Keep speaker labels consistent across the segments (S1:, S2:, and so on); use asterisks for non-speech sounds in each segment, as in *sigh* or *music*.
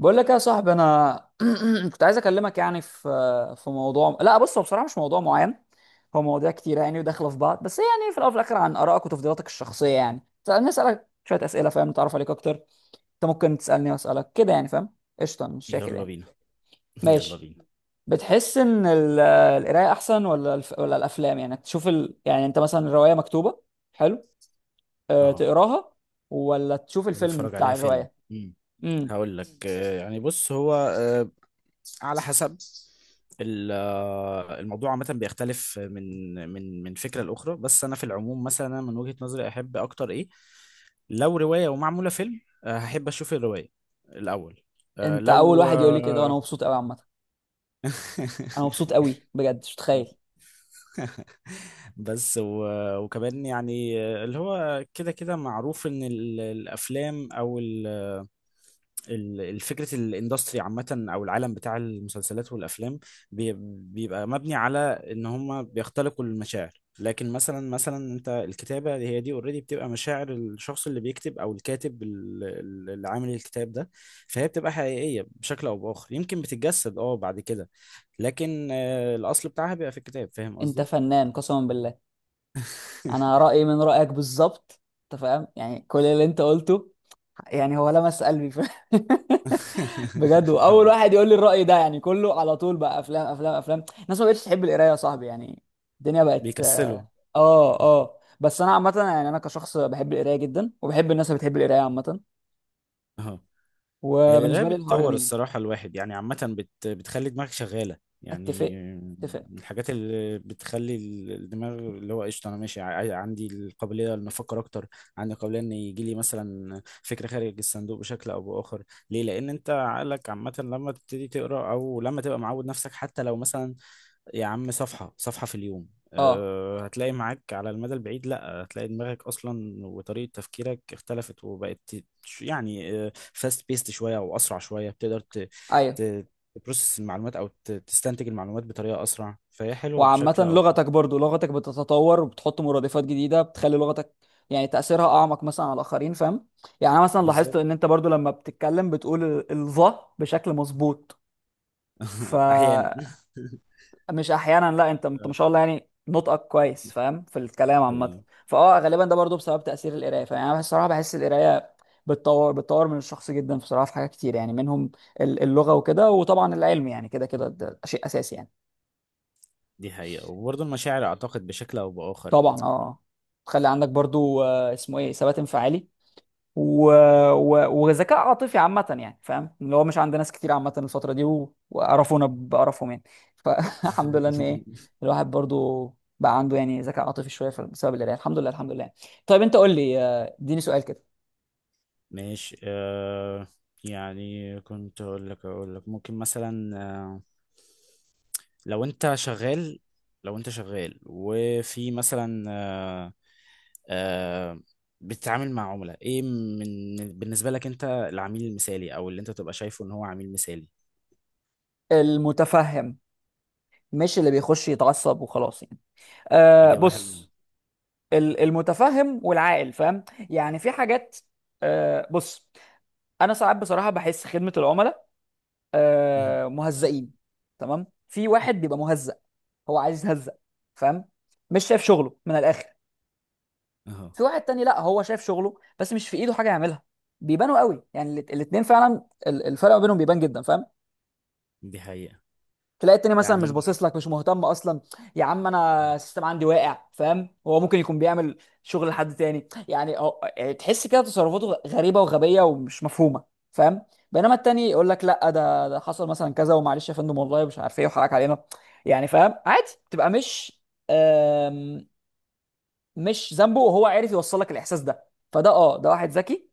S1: بقول لك يا صاحبي انا. *clears throat* كنت عايز اكلمك في موضوع. لا بص، هو بصراحه مش موضوع معين، هو مواضيع كتيره يعني وداخله في بعض، بس يعني في الاول وفي الاخر عن ارائك وتفضيلاتك الشخصيه. يعني سألني اسالك شويه اسئله، فاهم، نتعرف عليك اكتر. انت ممكن تسالني واسالك كده يعني، فاهم؟ قشطه، مش شاكر
S2: يلا
S1: يعني.
S2: بينا. يلا
S1: ماشي.
S2: بينا.
S1: بتحس ان القرايه احسن ولا ولا الافلام؟ يعني تشوف يعني انت مثلا الروايه مكتوبه، حلو، أه
S2: اه.
S1: تقراها، ولا تشوف
S2: ولا
S1: الفيلم
S2: اتفرج
S1: بتاع
S2: عليها فيلم
S1: الروايه؟ امم.
S2: هقول لك يعني بص هو على حسب الموضوع عامة بيختلف من فكرة لأخرى، بس أنا في العموم مثلا أنا من وجهة نظري أحب أكتر إيه؟ لو رواية ومعمولة فيلم، هحب أشوف الرواية الأول. آه،
S1: انت اول
S2: لو
S1: واحد يقول لي كده وانا
S2: آه،
S1: مبسوط قوي عامه. انا مبسوط قوي بجد، مش متخيل.
S2: بس وكمان يعني اللي هو كده كده معروف إن الأفلام أو الفكرة الاندستري عامة أو العالم بتاع المسلسلات والأفلام بي- بيبقى مبني على إن هما بيختلقوا المشاعر. لكن مثلا أنت الكتابة هي دي اوريدي بتبقى مشاعر الشخص اللي بيكتب أو الكاتب اللي عامل الكتاب ده، فهي بتبقى حقيقية بشكل أو بآخر، يمكن بتتجسد أه بعد كده، لكن الأصل بتاعها بيبقى في الكتاب. فاهم
S1: انت
S2: قصدي؟
S1: فنان قسما بالله. انا رايي من رايك بالظبط، انت فاهم يعني كل اللي انت قلته، يعني هو لمس قلبي *laughs* بجد،
S2: *laughs*
S1: واول
S2: حبيبي.
S1: واحد يقول لي الراي ده. يعني كله على طول بقى افلام افلام افلام، الناس ما بقتش تحب القرايه يا صاحبي يعني. الدنيا بقت.
S2: بيكسلوا.
S1: اه اه، بس انا عامه يعني انا كشخص بحب القرايه جدا، وبحب الناس اللي بتحب القرايه عامه.
S2: هي القراية
S1: وبالنسبه لي الحوار
S2: بتطور
S1: جميل.
S2: الصراحة الواحد، يعني عامة بتخلي دماغك شغالة
S1: اتفق،
S2: يعني.
S1: اتفق.
S2: من الحاجات اللي بتخلي الدماغ اللي هو قشطة أنا ماشي عندي القابلية إن أفكر أكتر، عندي القابلية إن يجي لي مثلا فكرة خارج الصندوق بشكل أو بآخر. ليه؟ لأن أنت عقلك عامة لما تبتدي تقرأ أو لما تبقى معود نفسك، حتى لو مثلا يا عم صفحة صفحة في اليوم،
S1: اه.
S2: أه هتلاقي معاك على المدى البعيد، لا هتلاقي دماغك أصلا وطريقة تفكيرك اختلفت وبقت يعني فاست بيست شوية أو أسرع شوية، بتقدر
S1: ايوه.
S2: ت- تبروسس المعلومات أو تستنتج المعلومات بطريقة أسرع، فهي حلوة
S1: وعامة
S2: بشكل أو بآخر.
S1: لغتك، برضو لغتك بتتطور وبتحط مرادفات جديدة بتخلي لغتك يعني تأثيرها أعمق مثلا على الآخرين، فاهم؟ يعني أنا مثلا لاحظت
S2: بالظبط.
S1: إن أنت برضو لما بتتكلم بتقول الظه بشكل مظبوط.
S2: *laughs* أحيانا.
S1: فمش
S2: *laughs*
S1: أحيانا، لا أنت أنت ما شاء الله يعني نطقك كويس فاهم في الكلام عامة.
S2: حبيبي.
S1: فأه غالبا ده برضو بسبب تأثير القراية. فيعني أنا بصراحة بحس القراية بتطور، بتطور من الشخص جدا بصراحة، في حاجات كتير يعني منهم اللغة وكده، وطبعا العلم يعني كده كده ده شيء أساسي يعني.
S2: دي حقيقة، وبرضه المشاعر أعتقد بشكل أو بآخر.
S1: طبعا اه. تخلي عندك برضو اسمه ايه، ثبات انفعالي و... وذكاء عاطفي عامة، يعني فاهم اللي هو مش عند ناس كتير عامة الفترة دي، وقرفونا بقرفهم يعني. فالحمد *laughs* لله ان ايه،
S2: *laughs*
S1: الواحد برضو بقى عنده يعني ذكاء عاطفي شوية بسبب القراية. الحمد لله، الحمد لله. طيب انت قول لي، اديني سؤال كده.
S2: ماشي أه. يعني كنت أقول لك ممكن مثلا لو انت شغال، لو انت شغال وفي مثلا آه، بتتعامل مع عملاء ايه، من بالنسبة لك انت العميل المثالي او اللي انت تبقى شايفه ان هو عميل مثالي؟
S1: المتفهم، مش اللي بيخش يتعصب وخلاص يعني. أه
S2: اجابة حلوة.
S1: بص، المتفهم والعاقل، فاهم. يعني في حاجات، أه بص انا ساعات بصراحة بحس خدمة العملاء
S2: مهم.
S1: مهزئين. تمام، في واحد بيبقى مهزأ، هو عايز يتهزأ، فاهم، مش شايف شغله من الاخر.
S2: اهو.
S1: في واحد تاني لا، هو شايف شغله بس مش في ايده حاجه يعملها. بيبانوا قوي يعني الاتنين فعلا، الفرق ما بينهم بيبان جدا فاهم.
S2: دي حقيقة
S1: تلاقي التاني مثلا مش
S2: يعني.
S1: باصص لك، مش مهتم اصلا، يا عم انا السيستم عندي واقع، فاهم، هو ممكن يكون بيعمل شغل لحد تاني، يعني هو يعني تحس كده تصرفاته غريبه وغبيه ومش مفهومه، فاهم. بينما التاني يقول لك لا ده، ده حصل مثلا كذا ومعلش يا فندم والله مش عارف ايه وحقك علينا، يعني فاهم عادي تبقى مش، آم، مش ذنبه، وهو عارف يوصل لك الاحساس ده. فده اه ده واحد ذكي،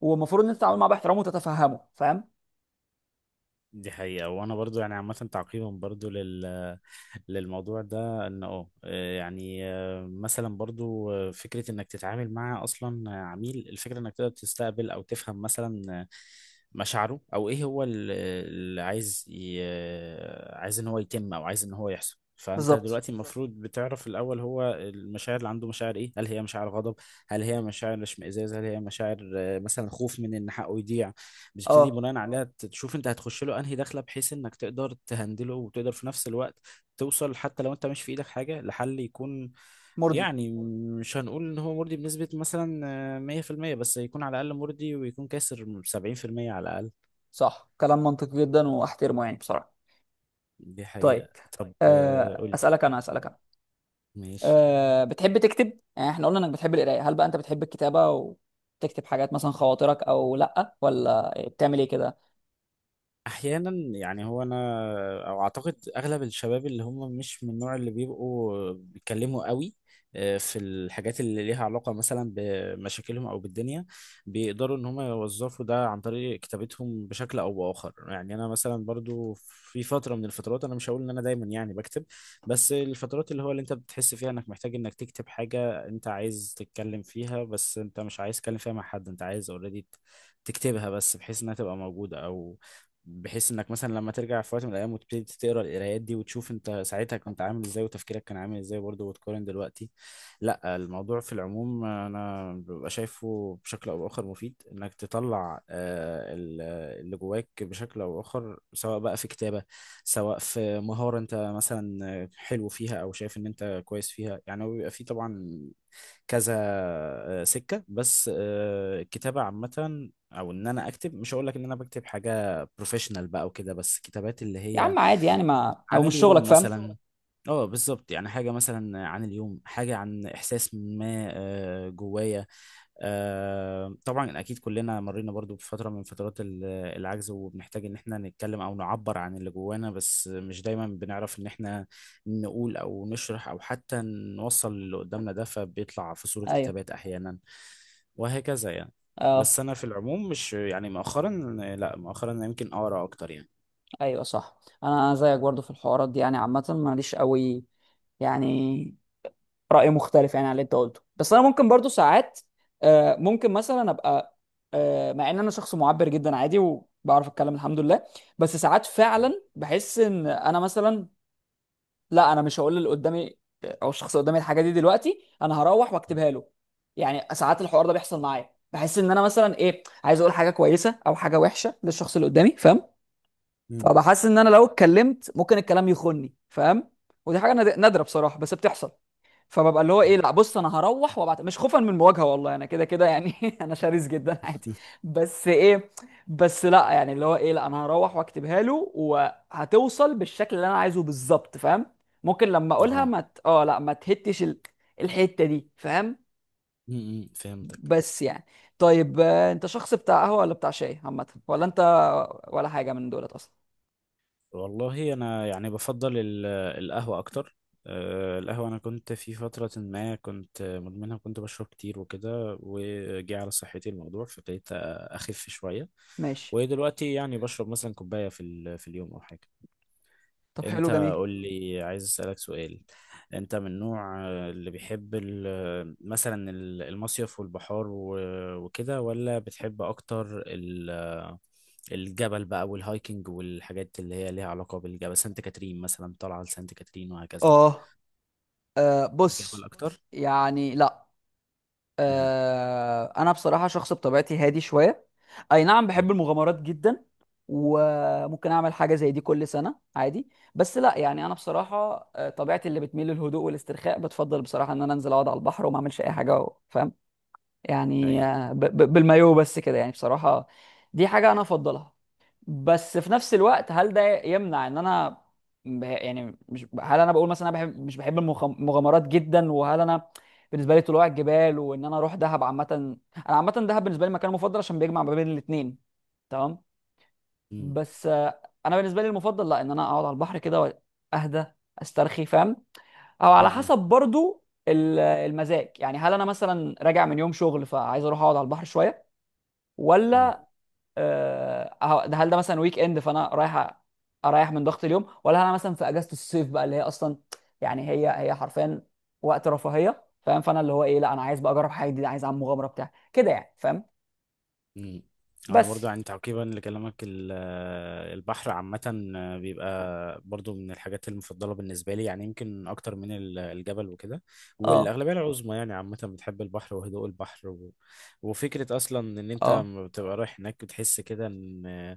S1: والمفروض ان انت تتعامل معاه باحترام وتتفهمه، فاهم.
S2: دي حقيقة، وانا برضو يعني عامة تعقيبا برضو للموضوع ده، ان اه يعني مثلا برضو فكرة انك تتعامل مع اصلا عميل، الفكرة انك تقدر تستقبل او تفهم مثلا مشاعره او ايه هو اللي عايز عايز ان هو يتم او عايز ان هو يحصل. فانت
S1: بالظبط.
S2: دلوقتي بالظبط المفروض بتعرف الاول هو المشاعر اللي عنده مشاعر ايه، هل هي مشاعر غضب، هل هي مشاعر اشمئزاز، هل هي مشاعر مثلا خوف من ان حقه يضيع. بتبتدي
S1: اه.
S2: بناء اه عليها، تشوف انت هتخش له انهي دخله بحيث انك تقدر تهندله، وتقدر في نفس الوقت توصل حتى لو انت مش في ايدك حاجة لحل يكون
S1: مرضي.
S2: يعني، مش هنقول ان هو مرضي بنسبة مثلا 100%، بس يكون على الاقل مرضي، ويكون كاسر 70% على الاقل.
S1: صح، كلام منطقي جدا واحترمه يعني بصراحة.
S2: دي
S1: طيب،
S2: حقيقة. طب قول لي.
S1: اسألك انا، اسألك انا.
S2: ماشي.
S1: أه، بتحب تكتب؟ يعني احنا قلنا انك بتحب القراية، هل بقى انت بتحب الكتابة وتكتب حاجات مثلا خواطرك او لا، ولا بتعمل ايه كده؟
S2: احيانا، يعني هو انا او اعتقد اغلب الشباب اللي هم مش من النوع اللي بيبقوا بيتكلموا قوي في الحاجات اللي ليها علاقة مثلا بمشاكلهم او بالدنيا، بيقدروا ان هم يوظفوا ده عن طريق كتابتهم بشكل او باخر. يعني انا مثلا برضو في فترة من الفترات، انا مش هقول ان انا دايما يعني بكتب، بس الفترات اللي هو اللي انت بتحس فيها انك محتاج انك تكتب حاجة، انت عايز تتكلم فيها بس انت مش عايز تتكلم فيها مع حد، انت عايز اوريدي تكتبها بس بحيث انها تبقى موجودة، او بحيث انك مثلا لما ترجع في وقت من الايام وتبتدي تقرا القرايات دي وتشوف انت ساعتها كنت عامل ازاي وتفكيرك كان عامل ازاي برضه وتقارن دلوقتي. لا الموضوع في العموم انا ببقى شايفه بشكل او باخر مفيد انك تطلع اللي جواك بشكل او باخر، سواء بقى في كتابة، سواء في مهارة انت مثلا حلو فيها او شايف ان انت كويس فيها. يعني هو بيبقى فيه طبعا كذا سكة، بس الكتابة عامة او ان انا اكتب، مش هقول لك ان انا بكتب حاجة بروفيشنال بقى وكده، بس كتابات اللي
S1: يا
S2: هي
S1: عم عادي يعني، ما او
S2: عن
S1: مش
S2: اليوم
S1: شغلك
S2: دي
S1: فاهم.
S2: مثلا شغل. اه بالظبط، يعني حاجة مثلا عن اليوم، حاجة عن احساس ما جوايا. طبعا اكيد كلنا مرينا برضو بفتره من فترات العجز، وبنحتاج ان احنا نتكلم او نعبر عن اللي جوانا، بس مش دايما بنعرف ان احنا نقول او نشرح او حتى نوصل اللي قدامنا ده، فبيطلع في صوره
S1: ايوه.
S2: كتابات احيانا وهكذا يعني.
S1: اه.
S2: بس انا في العموم مش يعني مؤخرا، لا مؤخرا أنا يمكن اقرا اكتر يعني.
S1: ايوه صح. انا زيك برضه في الحوارات دي، يعني عامة ماليش قوي يعني رأي مختلف يعني عن اللي انت قلته. بس انا ممكن برضو ساعات، ممكن مثلا ابقى، مع ان انا شخص معبر جدا عادي وبعرف اتكلم الحمد لله، بس ساعات فعلا بحس ان انا مثلا، لا انا مش هقول اللي قدامي او الشخص اللي قدامي الحاجه دي دلوقتي، انا هروح
S2: م-
S1: واكتبها له. يعني ساعات الحوار ده بيحصل معايا، بحس ان انا مثلا ايه عايز اقول حاجه كويسه او حاجه وحشه للشخص اللي قدامي، فاهم، فبحس ان انا لو اتكلمت ممكن الكلام يخني، فاهم. ودي حاجه نادره بصراحه بس بتحصل. فببقى اللي هو ايه،
S2: م-
S1: لا بص انا هروح وابعت، مش خوفا من المواجهه والله، انا كده كده يعني *laughs* انا شرس جدا *laughs* عادي. بس ايه، بس لا يعني اللي هو ايه، لا انا هروح واكتبها له وهتوصل بالشكل اللي انا عايزه بالظبط، فاهم. ممكن لما اقولها
S2: اه.
S1: ما ت... اه لا ما تهتش الحته دي، فاهم.
S2: م- م، فهمتك.
S1: بس يعني، طيب، انت شخص بتاع قهوه ولا بتاع شاي عامه، ولا انت ولا حاجه من دولت اصلا؟
S2: والله انا يعني بفضل القهوه اكتر. القهوه انا كنت في فتره ما كنت مدمنها وكنت بشرب كتير وكده، وجي على صحتي الموضوع فبقيت اخف شويه.
S1: ماشي.
S2: ودلوقتي يعني بشرب مثلا كوبايه في في اليوم او حاجه.
S1: طب حلو
S2: انت
S1: جميل.
S2: قول لي، عايز اسالك سؤال. انت من النوع اللي بيحب مثلا المصيف والبحار وكده، ولا بتحب اكتر الجبل بقى والهايكنج والحاجات اللي هي ليها علاقة بالجبل، سانت كاترين مثلا، طالعة لسانت كاترين وهكذا؟
S1: اه.
S2: الجبل
S1: بص،
S2: اكتر.
S1: يعني لا،
S2: مهم.
S1: انا بصراحه شخص بطبيعتي هادي شويه. اي نعم
S2: اه.
S1: بحب المغامرات جدا، وممكن اعمل حاجه زي دي كل سنه عادي، بس لا يعني انا بصراحه، طبيعتي اللي بتميل للهدوء والاسترخاء بتفضل بصراحه ان انا انزل اقعد على البحر وما اعملش اي حاجه فاهم، يعني
S2: ايوه.
S1: بالمايو بس كده يعني بصراحه، دي حاجه انا افضلها. بس في نفس الوقت هل ده يمنع ان انا يعني، مش هل انا بقول مثلا انا بحب مش بحب المغامرات جدا، وهل انا، بالنسبه لي طلوع الجبال وان انا اروح دهب عامه، انا عامه دهب بالنسبه لي مكان مفضل عشان بيجمع ما بين الاثنين، تمام.
S2: مم.
S1: بس انا بالنسبه لي المفضل لا، ان انا اقعد على البحر كده واهدى، استرخي، فاهم. او على
S2: مم.
S1: حسب برضو المزاج، يعني هل انا مثلا راجع من يوم شغل فعايز اروح اقعد على البحر شويه،
S2: اه.
S1: ولا هل ده مثلا ويك اند فانا رايح اريح من ضغط اليوم، ولا انا مثلا في اجازه الصيف بقى اللي هي اصلا يعني هي حرفيا وقت رفاهيه، فاهم، فانا اللي هو ايه، لا انا عايز بقى اجرب حاجه جديده، عايز اعمل مغامره بتاع كده يعني، فاهم.
S2: مم. انا برضو
S1: بس.
S2: يعني تعقيبا لكلامك البحر عامة بيبقى برضو من الحاجات المفضلة بالنسبة لي، يعني يمكن أكتر من الجبل وكده.
S1: اه
S2: والأغلبية العظمى يعني عامة بتحب البحر وهدوء البحر وفكرة أصلا إن أنت
S1: اه.
S2: لما بتبقى رايح هناك بتحس كده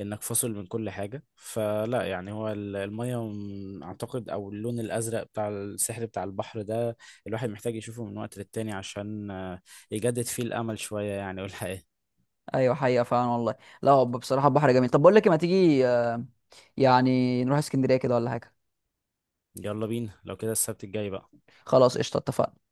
S2: إنك فاصل من كل حاجة. فلا يعني هو المية أعتقد أو اللون الأزرق بتاع السحر بتاع البحر ده الواحد محتاج يشوفه من وقت للتاني عشان يجدد فيه الأمل شوية يعني. والحقيقة
S1: ايوه حقيقه فعلا والله. لا هو بصراحه البحر جميل. طب بقول لك إيه، ما تيجي يعني نروح اسكندريه كده ولا حاجه؟
S2: يلا بينا لو كده السبت الجاي بقى.
S1: خلاص، قشطه، اتفقنا.